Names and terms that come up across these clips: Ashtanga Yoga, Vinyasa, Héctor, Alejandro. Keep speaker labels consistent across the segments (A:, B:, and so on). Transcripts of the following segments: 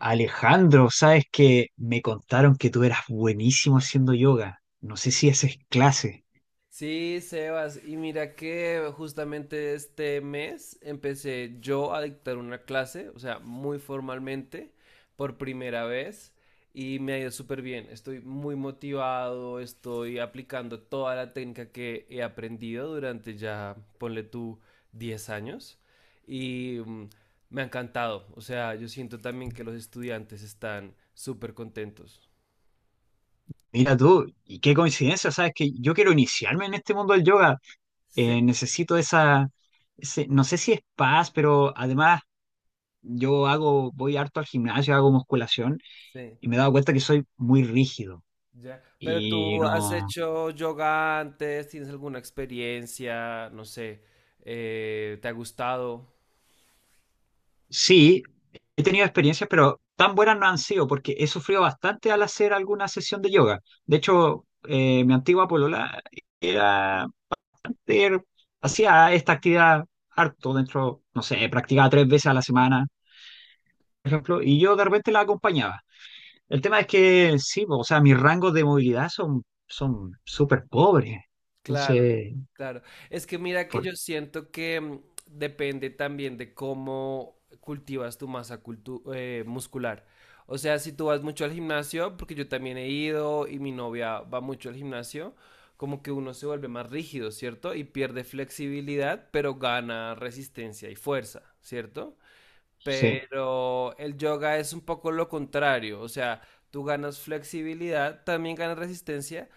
A: Alejandro, sabes que me contaron que tú eras buenísimo haciendo yoga. No sé si haces clase.
B: Sí, Sebas, y mira que justamente este mes empecé yo a dictar una clase, o sea, muy formalmente, por primera vez, y me ha ido súper bien. Estoy muy motivado, estoy aplicando toda la técnica que he aprendido durante ya, ponle tú, 10 años, y me ha encantado. O sea, yo siento también que los estudiantes están súper contentos.
A: Mira tú, y qué coincidencia, sabes que yo quiero iniciarme en este mundo del yoga.
B: Sí,
A: Necesito esa, no sé si es paz, pero además voy harto al gimnasio, hago musculación
B: sí.
A: y me he dado cuenta que soy muy rígido
B: Ya. Pero
A: y
B: tú has
A: no.
B: hecho yoga antes, ¿tienes alguna experiencia? No sé, ¿te ha gustado?
A: Sí, he tenido experiencias, pero tan buenas no han sido porque he sufrido bastante al hacer alguna sesión de yoga. De hecho, mi antigua polola era, era- hacía esta actividad harto dentro, no sé, practicaba tres veces a la semana, por ejemplo, y yo de repente la acompañaba. El tema es que sí, o sea, mis rangos de movilidad son súper pobres.
B: Claro,
A: Entonces,
B: claro. Es que mira que
A: por-
B: yo siento que depende también de cómo cultivas tu masa muscular. O sea, si tú vas mucho al gimnasio, porque yo también he ido y mi novia va mucho al gimnasio, como que uno se vuelve más rígido, ¿cierto? Y pierde flexibilidad, pero gana resistencia y fuerza, ¿cierto?
A: sí,
B: Pero el yoga es un poco lo contrario, o sea, tú ganas flexibilidad, también ganas resistencia,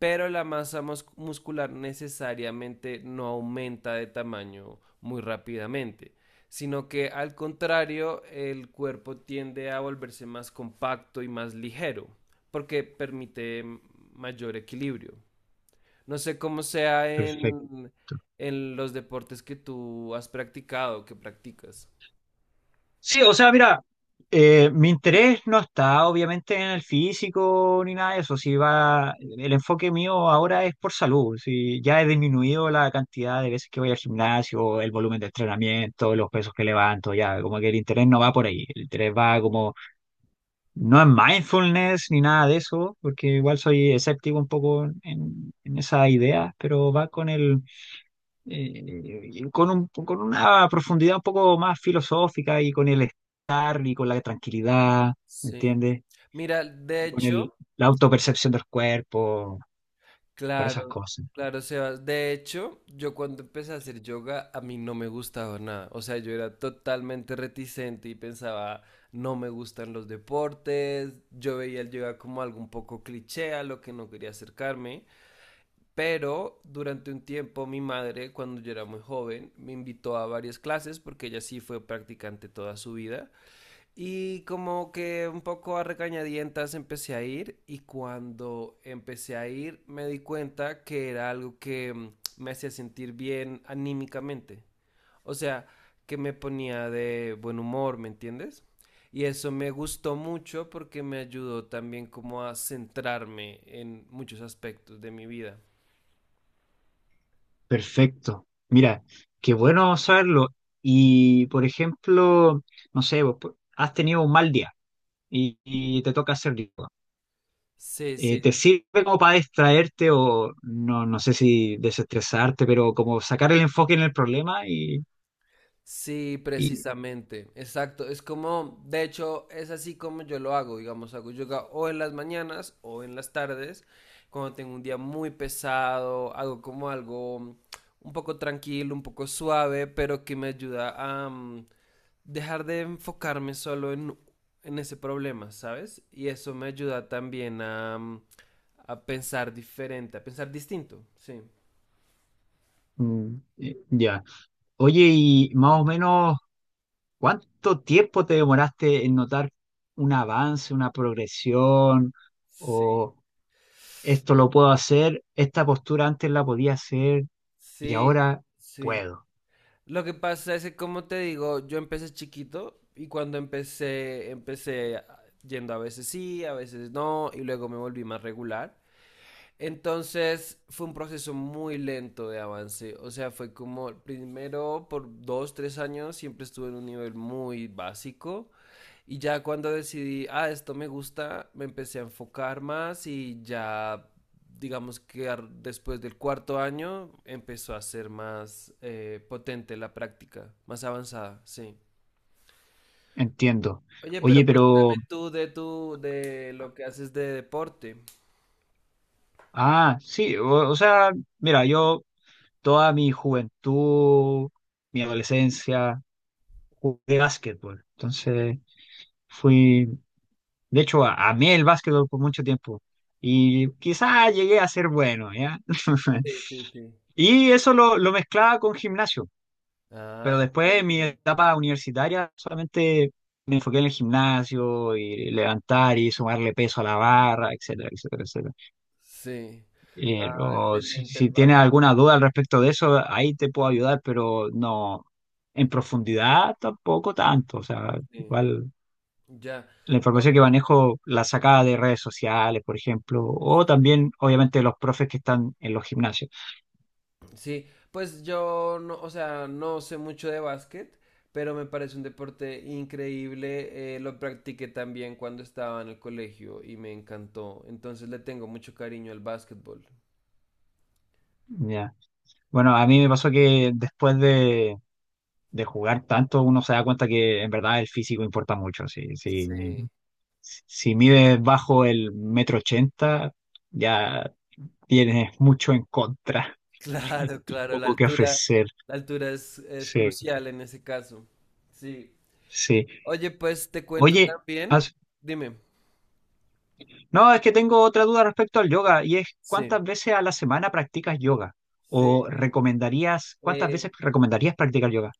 B: pero la masa muscular necesariamente no aumenta de tamaño muy rápidamente, sino que al contrario, el cuerpo tiende a volverse más compacto y más ligero, porque permite mayor equilibrio. No sé cómo sea
A: perfecto.
B: en los deportes que tú has practicado, que practicas.
A: Sí, o sea, mira, mi interés no está obviamente en el físico ni nada de eso. Si va, el enfoque mío ahora es por salud. Si ya he disminuido la cantidad de veces que voy al gimnasio, el volumen de entrenamiento, los pesos que levanto, ya, como que el interés no va por ahí. El interés va como, no en mindfulness ni nada de eso, porque igual soy escéptico un poco en esa idea, pero va con una profundidad un poco más filosófica y con la tranquilidad, ¿me
B: Sí.
A: entiendes?
B: Mira, de
A: Y con el,
B: hecho,
A: la autopercepción del cuerpo, con esas
B: claro,
A: cosas.
B: claro, Sebas. De hecho, yo cuando empecé a hacer yoga, a mí no me gustaba nada. O sea, yo era totalmente reticente y pensaba, no me gustan los deportes. Yo veía el yoga como algo un poco cliché, a lo que no quería acercarme. Pero durante un tiempo, mi madre, cuando yo era muy joven, me invitó a varias clases porque ella sí fue practicante toda su vida. Y como que un poco a regañadientas empecé a ir y cuando empecé a ir me di cuenta que era algo que me hacía sentir bien anímicamente. O sea, que me ponía de buen humor, ¿me entiendes? Y eso me gustó mucho porque me ayudó también como a centrarme en muchos aspectos de mi vida.
A: Perfecto. Mira, qué bueno saberlo. Y, por ejemplo, no sé, vos, pues, has tenido un mal día y te toca hacer yoga.
B: Sí, sí,
A: ¿Te sirve como para distraerte o no, no sé si desestresarte, pero como sacar el enfoque en el problema
B: sí,
A: y,
B: precisamente, exacto. Es como, de hecho, es así como yo lo hago, digamos, hago yoga o en las mañanas o en las tardes, cuando tengo un día muy pesado, hago como algo un poco tranquilo, un poco suave, pero que me ayuda a dejar de enfocarme solo en ese problema, ¿sabes? Y eso me ayuda también a pensar diferente, a pensar distinto, sí.
A: ya. Oye, y más o menos, ¿cuánto tiempo te demoraste en notar un avance, una progresión,
B: Sí.
A: o esto lo puedo hacer, esta postura antes la podía hacer y
B: Sí,
A: ahora
B: sí.
A: puedo?
B: Lo que pasa es que, como te digo, yo empecé chiquito y cuando empecé yendo a veces sí, a veces no, y luego me volví más regular. Entonces fue un proceso muy lento de avance, o sea, fue como primero por 2, 3 años siempre estuve en un nivel muy básico y ya cuando decidí, ah, esto me gusta, me empecé a enfocar más y ya, digamos que después del cuarto año empezó a ser más potente la práctica, más avanzada, sí.
A: Entiendo.
B: Oye, pero
A: Oye,
B: cuéntame
A: pero,
B: tú de tu, de lo que haces de deporte.
A: ah, sí, o sea, mira, yo toda mi juventud, mi adolescencia, jugué básquetbol. Entonces, fui, de hecho, amé el básquetbol por mucho tiempo y quizás llegué a ser bueno, ¿ya?
B: Sí, sí, sí.
A: Y eso lo mezclaba con gimnasio,
B: Ah,
A: pero después en mi
B: excelente.
A: etapa universitaria solamente me enfoqué en el gimnasio y levantar y sumarle peso a la barra, etcétera, etcétera, etcétera.
B: Sí.
A: Eh,
B: Ah,
A: o
B: excelente el
A: si tienes
B: básquet.
A: alguna duda al respecto de eso, ahí te puedo ayudar, pero no en profundidad tampoco tanto. O sea,
B: Sí.
A: igual
B: Ya.
A: la
B: No,
A: información que manejo la sacaba de redes sociales, por ejemplo, o también obviamente los profes que están en los gimnasios.
B: sí, pues yo no, o sea, no sé mucho de básquet, pero me parece un deporte increíble. Lo practiqué también cuando estaba en el colegio y me encantó. Entonces le tengo mucho cariño al básquetbol.
A: Ya. Bueno, a mí me pasó que después de jugar tanto, uno se da cuenta que en verdad el físico importa mucho. Si,
B: Sí,
A: si mides bajo el metro ochenta, ya tienes mucho en contra
B: claro,
A: y
B: claro,
A: poco que ofrecer.
B: la altura es
A: Sí,
B: crucial en ese caso. Sí.
A: sí.
B: Oye, pues te cuento
A: Oye,
B: también.
A: has-
B: Dime.
A: no, es que tengo otra duda respecto al yoga y es,
B: Sí.
A: ¿cuántas veces a la semana practicas yoga?
B: Sí,
A: ¿O
B: sí.
A: recomendarías, cuántas
B: Eh,
A: veces recomendarías practicar yoga?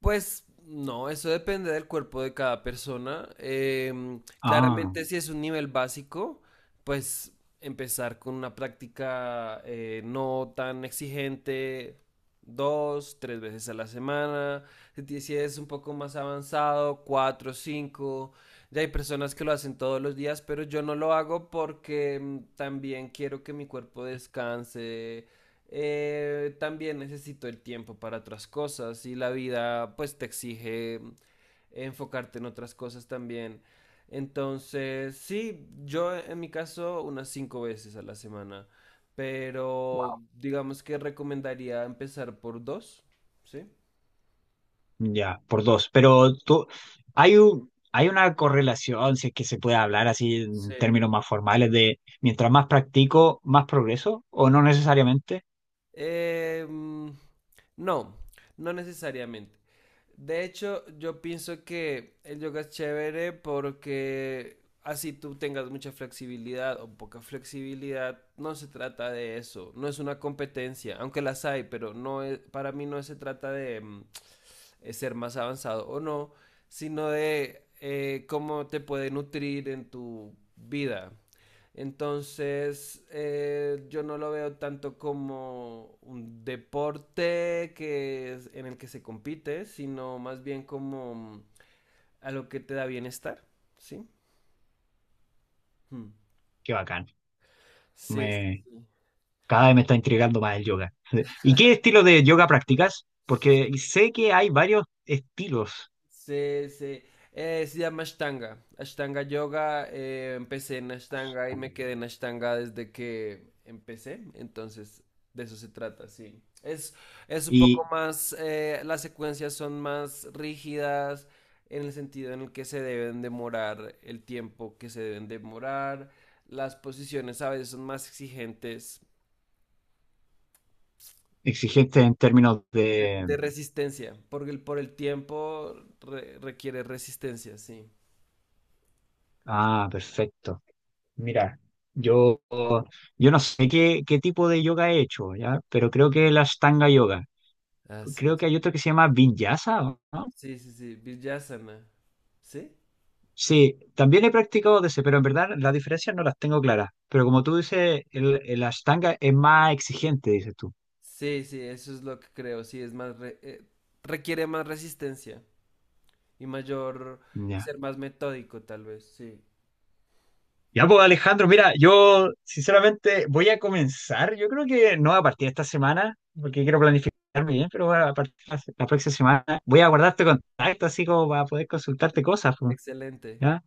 B: Pues no, eso depende del cuerpo de cada persona.
A: Ah.
B: Claramente si es un nivel básico, pues empezar con una práctica no tan exigente, 2, 3 veces a la semana. Si ti- si es un poco más avanzado, cuatro, cinco. Ya hay personas que lo hacen todos los días, pero yo no lo hago porque también quiero que mi cuerpo descanse también necesito el tiempo para otras cosas y la vida pues te exige enfocarte en otras cosas también. Entonces, sí, yo en mi caso unas 5 veces a la semana, pero digamos que recomendaría empezar por dos, ¿sí?
A: Ya, por dos. Pero tú, hay una correlación, si es que se puede hablar así en
B: Sí.
A: términos más formales, de mientras más practico, más progreso, o no necesariamente.
B: Eh, mm, no, no necesariamente. De hecho, yo pienso que el yoga es chévere porque así tú tengas mucha flexibilidad o poca flexibilidad, no se trata de eso, no es una competencia, aunque las hay, pero no es, para mí no se trata de ser más avanzado o no, sino de cómo te puede nutrir en tu vida, entonces, yo no lo veo tanto como un deporte que en el que se compite, sino más bien como a lo que te da bienestar, ¿sí? Hmm.
A: Qué bacán.
B: Sí, sí,
A: Me,
B: sí.
A: cada vez me está intrigando más el yoga. ¿Y qué estilo de yoga practicas? Porque sé que hay varios estilos
B: Sí, sí. Se llama Ashtanga. Ashtanga Yoga. Empecé en Ashtanga y me quedé en Ashtanga desde que empecé. Entonces, de eso se trata, sí. Es un
A: y
B: poco más, las secuencias son más rígidas en el sentido en el que se deben demorar el tiempo que se deben demorar. Las posiciones a veces son más exigentes
A: exigentes en términos.
B: de resistencia, porque por el tiempo requiere resistencia, sí.
A: Ah, perfecto. Mira, yo, yo no sé qué tipo de yoga he hecho, ¿ya? Pero creo que la Ashtanga Yoga.
B: Así
A: Creo que hay otro que se llama Vinyasa, ¿o no?
B: sí, sí, sí, Vijasana. ¿Sí?
A: Sí, también he practicado de ese, pero en verdad las diferencias no las tengo claras. Pero como tú dices, el Ashtanga es más exigente, dices tú.
B: Sí, sí, eso es lo que creo, sí, es más, requiere más resistencia y mayor, y
A: Ya.
B: ser más metódico tal vez, sí.
A: Ya, pues Alejandro, mira, yo sinceramente voy a comenzar, yo creo que no a partir de esta semana, porque quiero planificarme bien, pero a partir de la próxima semana voy a guardarte contacto así como para poder consultarte cosas, pues,
B: Excelente.
A: ¿ya?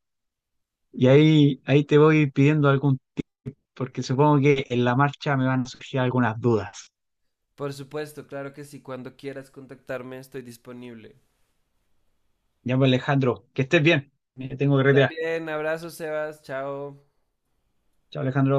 A: Y ahí te voy pidiendo algún, porque supongo que en la marcha me van a surgir algunas dudas.
B: Por supuesto, claro que sí, cuando quieras contactarme estoy disponible.
A: Ya, pues Alejandro, que estés bien, me tengo que retirar.
B: También, abrazo, Sebas, chao.
A: Chao, Alejandro.